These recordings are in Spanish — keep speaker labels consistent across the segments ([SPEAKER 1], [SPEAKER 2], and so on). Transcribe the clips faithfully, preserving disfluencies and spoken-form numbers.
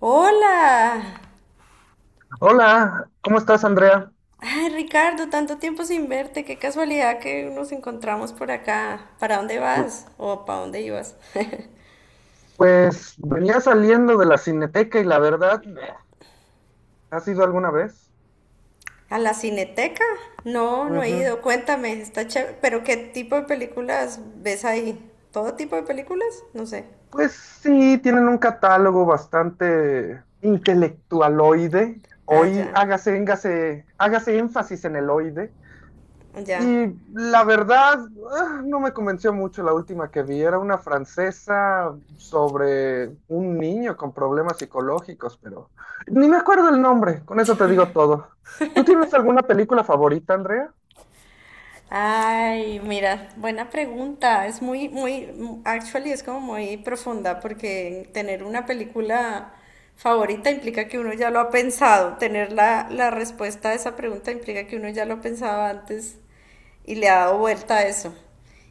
[SPEAKER 1] Hola.
[SPEAKER 2] Hola, ¿cómo estás, Andrea?
[SPEAKER 1] Ay, Ricardo, tanto tiempo sin verte. Qué casualidad que nos encontramos por acá. ¿Para dónde vas? ¿O para dónde ibas?
[SPEAKER 2] Pues venía saliendo de la Cineteca y la verdad, eh, ¿has ido alguna vez?
[SPEAKER 1] ¿A la Cineteca? No, no he ido.
[SPEAKER 2] Ujú.
[SPEAKER 1] Cuéntame, está chévere. ¿Pero qué tipo de películas ves ahí? ¿Todo tipo de películas? No sé.
[SPEAKER 2] Pues sí, tienen un catálogo bastante intelectualoide.
[SPEAKER 1] Ah,
[SPEAKER 2] Hoy
[SPEAKER 1] ya,
[SPEAKER 2] hágase, éngase- hágase énfasis en el oide. Y
[SPEAKER 1] ya.
[SPEAKER 2] la verdad, ah, no me convenció mucho la última que vi. Era una francesa sobre un niño con problemas psicológicos, pero ni me acuerdo el nombre. Con eso te digo todo. ¿Tú tienes alguna película favorita, Andrea?
[SPEAKER 1] Ay, mira, buena pregunta. Es muy, muy, actually es como muy profunda porque tener una película favorita implica que uno ya lo ha pensado. Tener la, la respuesta a esa pregunta implica que uno ya lo pensaba antes y le ha dado vuelta a eso.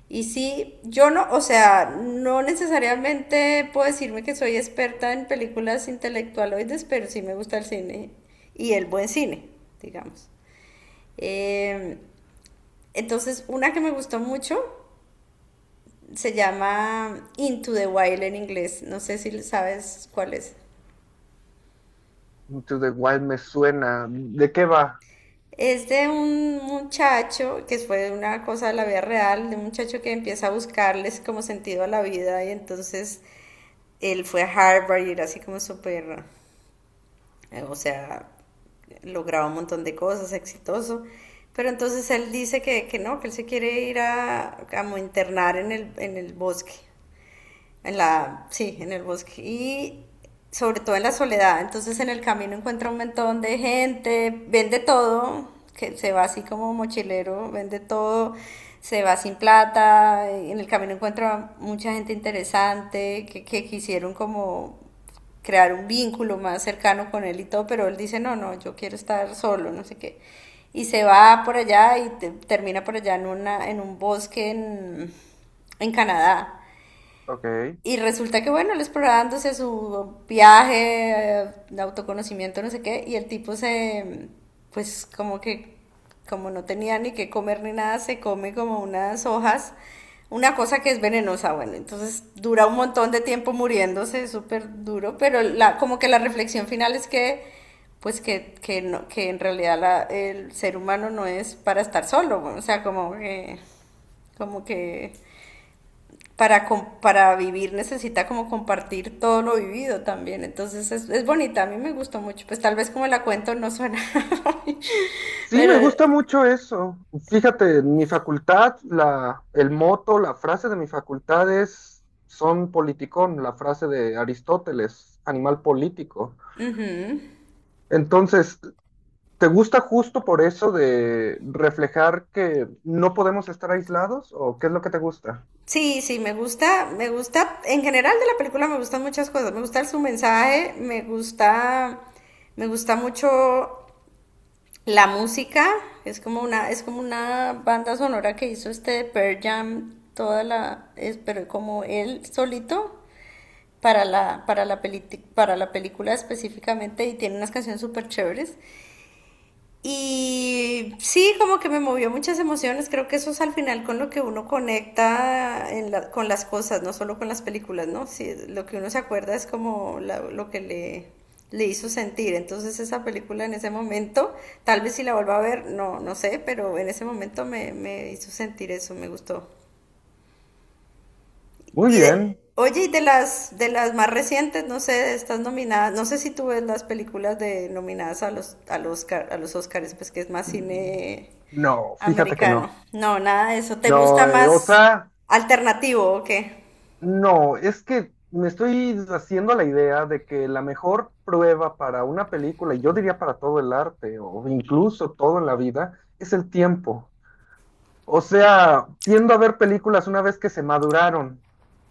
[SPEAKER 1] Y sí, yo no, o sea, no necesariamente puedo decirme que soy experta en películas intelectualoides, pero sí me gusta el cine y el buen cine, digamos. Em, entonces, una que me gustó mucho se llama Into the Wild en inglés. No sé si sabes cuál es.
[SPEAKER 2] Into the Wild me suena. ¿De qué va?
[SPEAKER 1] Es de un muchacho, que fue una cosa de la vida real, de un muchacho que empieza a buscarles como sentido a la vida y entonces él fue a Harvard y era así como súper, eh, o sea, lograba un montón de cosas, exitoso. Pero entonces él dice que, que no, que él se quiere ir a, a internar en el, en el bosque. En la, sí, en el bosque. Y sobre todo en la soledad. Entonces en el camino encuentra un montón de gente, vende todo, que se va así como mochilero, vende todo, se va sin plata. En el camino encuentra mucha gente interesante que, que quisieron como crear un vínculo más cercano con él y todo, pero él dice, no, no, yo quiero estar solo, no sé qué. Y se va por allá y te- termina por allá en, una, en un bosque en, en Canadá.
[SPEAKER 2] Ok.
[SPEAKER 1] Y resulta que, bueno, él explorándose su viaje, eh, de autoconocimiento, no sé qué, y el tipo se, pues como que, como no tenía ni que comer ni nada, se come como unas hojas, una cosa que es venenosa. Bueno, entonces dura un montón de tiempo muriéndose, súper duro, pero la, como que la reflexión final es que, pues que, que, no, que en realidad la- el ser humano no es para estar solo. Bueno, o sea, como que, como que para, com- para vivir necesita como compartir todo lo vivido también. Entonces es, es bonita, a mí me gustó mucho. Pues tal vez como la cuento no suena,
[SPEAKER 2] Sí,
[SPEAKER 1] pero
[SPEAKER 2] me gusta mucho eso. Fíjate, en mi facultad, la, el moto, la frase de mi facultad es, son politicón, la frase de Aristóteles, animal político. Entonces, ¿te gusta justo por eso de reflejar que no podemos estar aislados o qué es lo que te gusta?
[SPEAKER 1] sí, sí, me gusta, me gusta, en general de la película me gustan muchas cosas. Me gusta su mensaje, me gusta, me gusta mucho la música. Es como una, es como una banda sonora que hizo este de Pearl Jam, toda la, es, pero como él solito. Para la, para la, peli para la película específicamente y tiene unas canciones súper chéveres. Y sí, como que me movió muchas emociones, creo que eso es al final con lo que uno conecta en la, con las cosas, no solo con las películas, ¿no? Sí, lo que uno se acuerda es como la, lo que le, le hizo sentir. Entonces esa película en ese momento, tal vez si la vuelva a ver, no, no sé, pero en ese momento me, me hizo sentir eso, me gustó.
[SPEAKER 2] Muy
[SPEAKER 1] Y de,
[SPEAKER 2] bien.
[SPEAKER 1] oye, y de las de las más recientes, no sé, estas nominadas, no sé si tú ves las películas de nominadas a los a los Oscar- a los Oscars, pues que es más cine
[SPEAKER 2] No, fíjate que
[SPEAKER 1] americano.
[SPEAKER 2] no.
[SPEAKER 1] No, nada de eso. ¿Te
[SPEAKER 2] No,
[SPEAKER 1] gusta
[SPEAKER 2] eh, o
[SPEAKER 1] más
[SPEAKER 2] sea,
[SPEAKER 1] alternativo o qué?
[SPEAKER 2] no, es que me estoy haciendo la idea de que la mejor prueba para una película, y yo diría para todo el arte o incluso todo en la vida, es el tiempo. O sea, tiendo a ver películas una vez que se maduraron.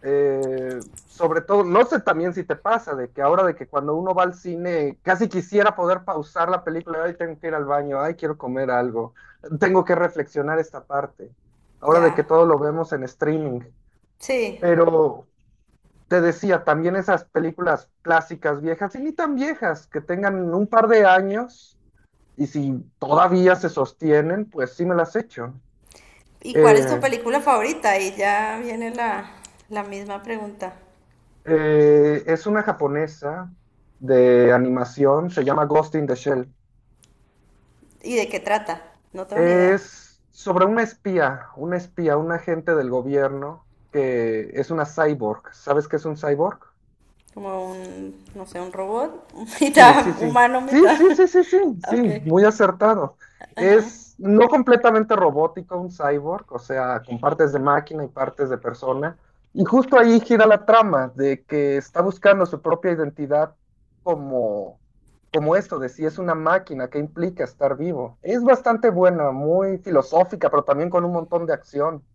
[SPEAKER 2] Eh, sobre todo, no sé también si te pasa, de que ahora de que cuando uno va al cine, casi quisiera poder pausar la película, ay, tengo que ir al baño, ay, quiero comer algo, tengo que reflexionar esta parte. Ahora de
[SPEAKER 1] Ya.
[SPEAKER 2] que todo lo vemos en streaming.
[SPEAKER 1] Sí.
[SPEAKER 2] Pero te decía, también esas películas clásicas viejas, y ni tan viejas, que tengan un par de años, y si todavía se sostienen, pues sí me las echo.
[SPEAKER 1] ¿Y cuál es tu
[SPEAKER 2] Eh,
[SPEAKER 1] película favorita? Y ya viene la la misma pregunta.
[SPEAKER 2] Eh, es una japonesa de animación, se llama Ghost in the Shell.
[SPEAKER 1] ¿Y de qué trata? No tengo ni idea.
[SPEAKER 2] Es sobre un espía, un espía, un agente del gobierno que es una cyborg. ¿Sabes qué es un cyborg?
[SPEAKER 1] Como un, no sé, un robot,
[SPEAKER 2] Sí, sí,
[SPEAKER 1] mitad
[SPEAKER 2] sí.
[SPEAKER 1] humano,
[SPEAKER 2] Sí,
[SPEAKER 1] mitad.
[SPEAKER 2] sí, sí, sí, sí, sí,
[SPEAKER 1] Ok.
[SPEAKER 2] muy acertado.
[SPEAKER 1] Ajá.
[SPEAKER 2] Es no completamente robótico un cyborg, o sea, con partes de máquina y partes de persona. Y justo ahí gira la trama de que está buscando su propia identidad como, como esto, de si es una máquina, qué implica estar vivo. Es bastante buena, muy filosófica, pero también con un montón de acción.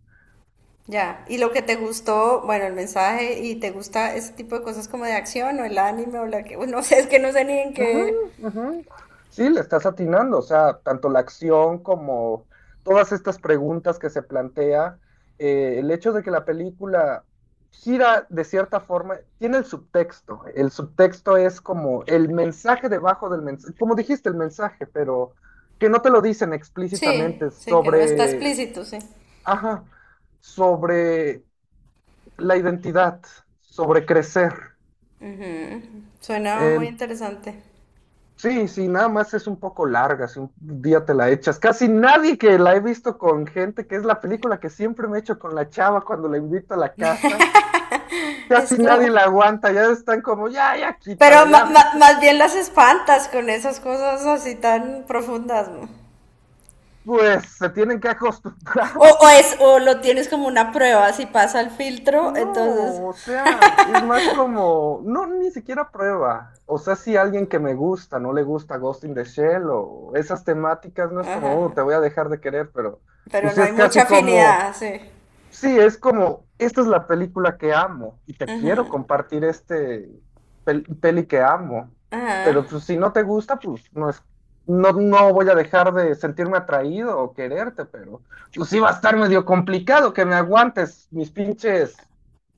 [SPEAKER 1] Ya, y lo que te gustó, bueno, el mensaje y te gusta ese tipo de cosas como de acción o el anime o la que, bueno, no sé, es que no sé ni en qué.
[SPEAKER 2] Ujú, ujú. Sí, le estás atinando, o sea, tanto la acción como todas estas preguntas que se plantea, eh, el hecho de que la película gira de cierta forma, tiene el subtexto, el subtexto es como el mensaje debajo del mensaje, como dijiste, el mensaje, pero que no te lo dicen
[SPEAKER 1] Sí,
[SPEAKER 2] explícitamente
[SPEAKER 1] sí, que no está
[SPEAKER 2] sobre,
[SPEAKER 1] explícito, sí.
[SPEAKER 2] ajá, sobre la identidad, sobre crecer.
[SPEAKER 1] Ujú. Suena muy interesante.
[SPEAKER 2] Sí, sí, nada más es un poco larga, si un día te la echas. Casi nadie que la he visto con gente, que es la película que siempre me echo con la chava cuando la invito a la casa, casi nadie
[SPEAKER 1] Esto.
[SPEAKER 2] la aguanta, ya están como, ya, ya quítala,
[SPEAKER 1] Pero
[SPEAKER 2] ya.
[SPEAKER 1] ma-
[SPEAKER 2] me-".
[SPEAKER 1] ma- más bien las espantas con esas cosas así tan profundas, ¿no?
[SPEAKER 2] Pues se tienen que acostumbrar.
[SPEAKER 1] O, o es, o lo tienes como una prueba, si pasa el filtro, entonces.
[SPEAKER 2] No, o sea, es más como, no, ni siquiera prueba. O sea, si alguien que me gusta no le gusta Ghost in the Shell o esas temáticas, no es como, "Uh, te
[SPEAKER 1] Ajá.
[SPEAKER 2] voy a dejar de querer, pero
[SPEAKER 1] Pero
[SPEAKER 2] pues
[SPEAKER 1] no
[SPEAKER 2] sí
[SPEAKER 1] hay
[SPEAKER 2] es
[SPEAKER 1] mucha
[SPEAKER 2] casi como.
[SPEAKER 1] afinidad, sí.
[SPEAKER 2] Sí, es como, esta es la película que amo y te quiero compartir este pel- peli que amo,
[SPEAKER 1] Ajá.
[SPEAKER 2] pero pues si no te gusta, pues no es, no, no voy a dejar de sentirme atraído o quererte, pero pues sí va a estar medio complicado que me aguantes mis pinches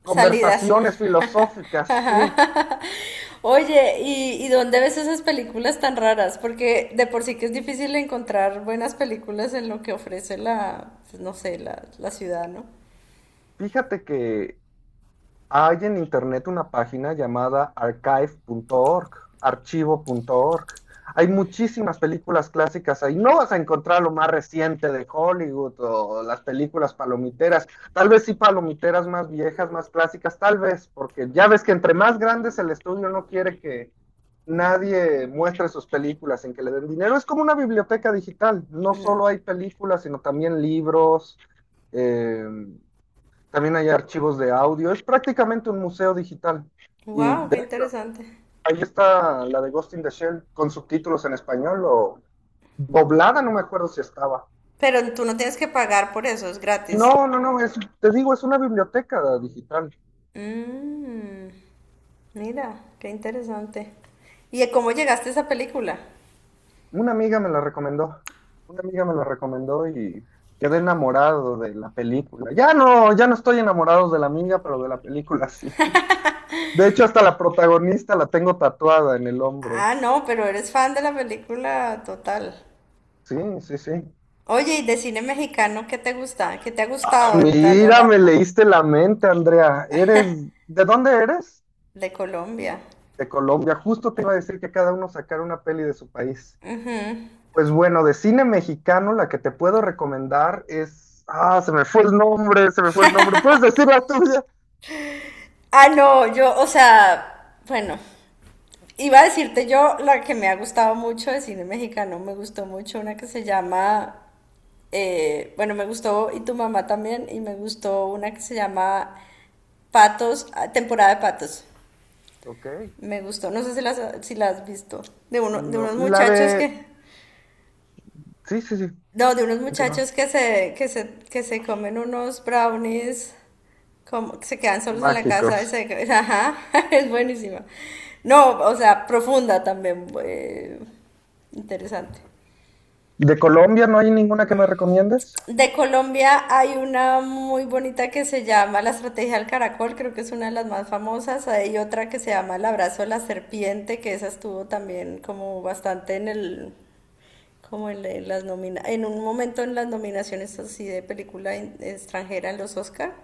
[SPEAKER 1] Salidas.
[SPEAKER 2] conversaciones filosóficas, sí.
[SPEAKER 1] Ajá. Oye, ¿y, y dónde ves esas películas tan raras? Porque de por sí que es difícil encontrar buenas películas en lo que ofrece la, pues, no sé, la, la ciudad, ¿no?
[SPEAKER 2] Fíjate que hay en internet una página llamada archive punto org archivo punto org. Hay muchísimas películas clásicas ahí. No vas a encontrar lo más reciente de Hollywood o las películas palomiteras. Tal vez sí palomiteras más viejas, más clásicas, tal vez, porque ya ves que entre más grande es el estudio, no quiere que nadie muestre sus películas sin que le den dinero. Es como una biblioteca digital. No solo hay películas, sino también libros. eh, También hay archivos de audio. Es prácticamente un museo digital. Y
[SPEAKER 1] Wow,
[SPEAKER 2] de
[SPEAKER 1] qué
[SPEAKER 2] hecho,
[SPEAKER 1] interesante.
[SPEAKER 2] ahí está la de Ghost in the Shell con subtítulos en español o doblada, no me acuerdo si estaba.
[SPEAKER 1] Pero tú no tienes que pagar por eso, es gratis.
[SPEAKER 2] No, no, no, es, te digo, es una biblioteca digital.
[SPEAKER 1] Mira, qué interesante. ¿Y cómo llegaste a esa película?
[SPEAKER 2] Una amiga me la recomendó. Una amiga me la recomendó y quedé enamorado de la película. Ya no, ya no estoy enamorado de la amiga, pero de la película sí. De hecho, hasta la protagonista la tengo tatuada en el hombro.
[SPEAKER 1] Ah, no, pero eres fan de la película total.
[SPEAKER 2] Sí, sí, sí.
[SPEAKER 1] Oye, ¿y de cine mexicano qué te gusta? ¿Qué te ha gustado en, a lo
[SPEAKER 2] Mira, me
[SPEAKER 1] largo
[SPEAKER 2] leíste la mente, Andrea. ¿Eres de dónde eres?
[SPEAKER 1] de Colombia?
[SPEAKER 2] De Colombia. Justo te iba a decir que cada uno sacara una peli de su país. Pues bueno, de cine mexicano la que te puedo recomendar es ah, se me fue el nombre, se me fue el nombre. ¿Puedes decir la tuya?
[SPEAKER 1] Ah, no, yo, o sea, bueno, iba a decirte yo la que me ha gustado mucho de cine mexicano. Me gustó mucho una que se llama, eh, bueno, me gustó Y Tu Mamá También, y me gustó una que se llama Patos, ah, Temporada de Patos.
[SPEAKER 2] Ok.
[SPEAKER 1] Me gustó, no sé si las si la has visto, de, uno, de
[SPEAKER 2] No,
[SPEAKER 1] unos
[SPEAKER 2] la
[SPEAKER 1] muchachos
[SPEAKER 2] de
[SPEAKER 1] que
[SPEAKER 2] sí, sí, sí.
[SPEAKER 1] no, de unos
[SPEAKER 2] Continúa.
[SPEAKER 1] muchachos que se, que se, que se comen unos brownies, como que se quedan solos en la casa y
[SPEAKER 2] Mágicos.
[SPEAKER 1] se- ajá, es buenísima. No, o sea, profunda también, eh, interesante.
[SPEAKER 2] ¿De Colombia no hay ninguna que me recomiendes?
[SPEAKER 1] De Colombia hay una muy bonita que se llama La Estrategia del Caracol, creo que es una de las más famosas. Hay otra que se llama El Abrazo de la Serpiente, que esa estuvo también como bastante en el, como en, en las nomina en un momento en las nominaciones así de película en- extranjera en los Oscar.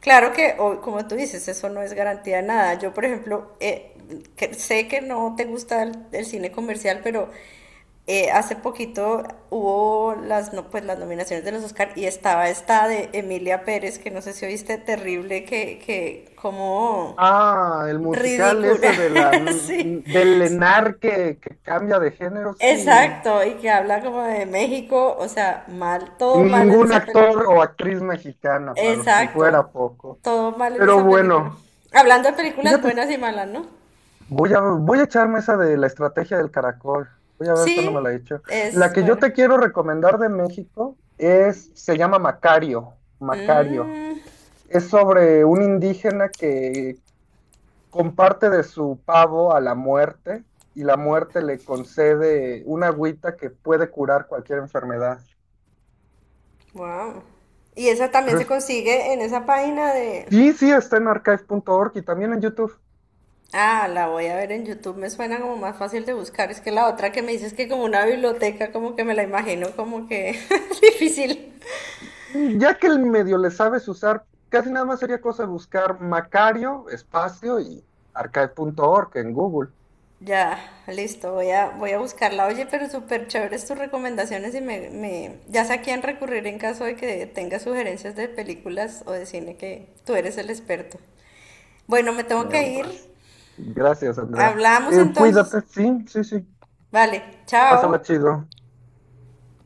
[SPEAKER 1] Claro que, o- como tú dices, eso no es garantía de nada. Yo, por ejemplo, eh, que- sé que no te gusta el, el cine comercial, pero eh, hace poquito hubo las, no, pues, las nominaciones de los Oscar y estaba esta de Emilia Pérez, que no sé si oíste, terrible, que, que como
[SPEAKER 2] Ah, el musical
[SPEAKER 1] ridícula,
[SPEAKER 2] ese de la
[SPEAKER 1] sí,
[SPEAKER 2] del Lenar que, que cambia de género, sí.
[SPEAKER 1] exacto, y que habla como de México, o sea, mal,
[SPEAKER 2] Y
[SPEAKER 1] todo mal en
[SPEAKER 2] ningún
[SPEAKER 1] esa
[SPEAKER 2] actor
[SPEAKER 1] película.
[SPEAKER 2] o actriz mexicana, para si
[SPEAKER 1] Exacto,
[SPEAKER 2] fuera poco.
[SPEAKER 1] todo mal en
[SPEAKER 2] Pero
[SPEAKER 1] esa película.
[SPEAKER 2] bueno,
[SPEAKER 1] Hablando de películas
[SPEAKER 2] fíjate,
[SPEAKER 1] buenas y malas, ¿no?
[SPEAKER 2] voy a, voy a echarme esa de la estrategia del caracol. Voy a ver cuándo me
[SPEAKER 1] Sí,
[SPEAKER 2] la he hecho. La
[SPEAKER 1] es
[SPEAKER 2] que yo
[SPEAKER 1] buena.
[SPEAKER 2] te quiero recomendar de México es, se llama Macario. Macario.
[SPEAKER 1] Mm,
[SPEAKER 2] Es sobre un indígena que comparte de su pavo a la muerte y la muerte le concede una agüita que puede curar cualquier enfermedad.
[SPEAKER 1] wow. Y esa también
[SPEAKER 2] Pero
[SPEAKER 1] se
[SPEAKER 2] es-
[SPEAKER 1] consigue en esa página de...
[SPEAKER 2] sí, sí, está en archive punto org y también en YouTube.
[SPEAKER 1] Ah, la voy a ver en YouTube, me suena como más fácil de buscar. Es que la otra que me dices que como una biblioteca, como que me la imagino como que difícil.
[SPEAKER 2] Ya que el medio le sabes usar, casi nada más sería cosa de buscar Macario, espacio y archive punto org en Google.
[SPEAKER 1] Ya, listo, voy a, voy a buscarla. Oye, pero súper chéveres tus recomendaciones y me, me, ya sé a quién recurrir en caso de que tenga sugerencias de películas o de cine, que tú eres el experto. Bueno, me tengo
[SPEAKER 2] Me
[SPEAKER 1] que ir.
[SPEAKER 2] honras. Gracias, Andrea.
[SPEAKER 1] Hablamos
[SPEAKER 2] Eh,
[SPEAKER 1] entonces.
[SPEAKER 2] cuídate, sí, sí, sí.
[SPEAKER 1] Vale,
[SPEAKER 2] Pásala
[SPEAKER 1] chao.
[SPEAKER 2] chido.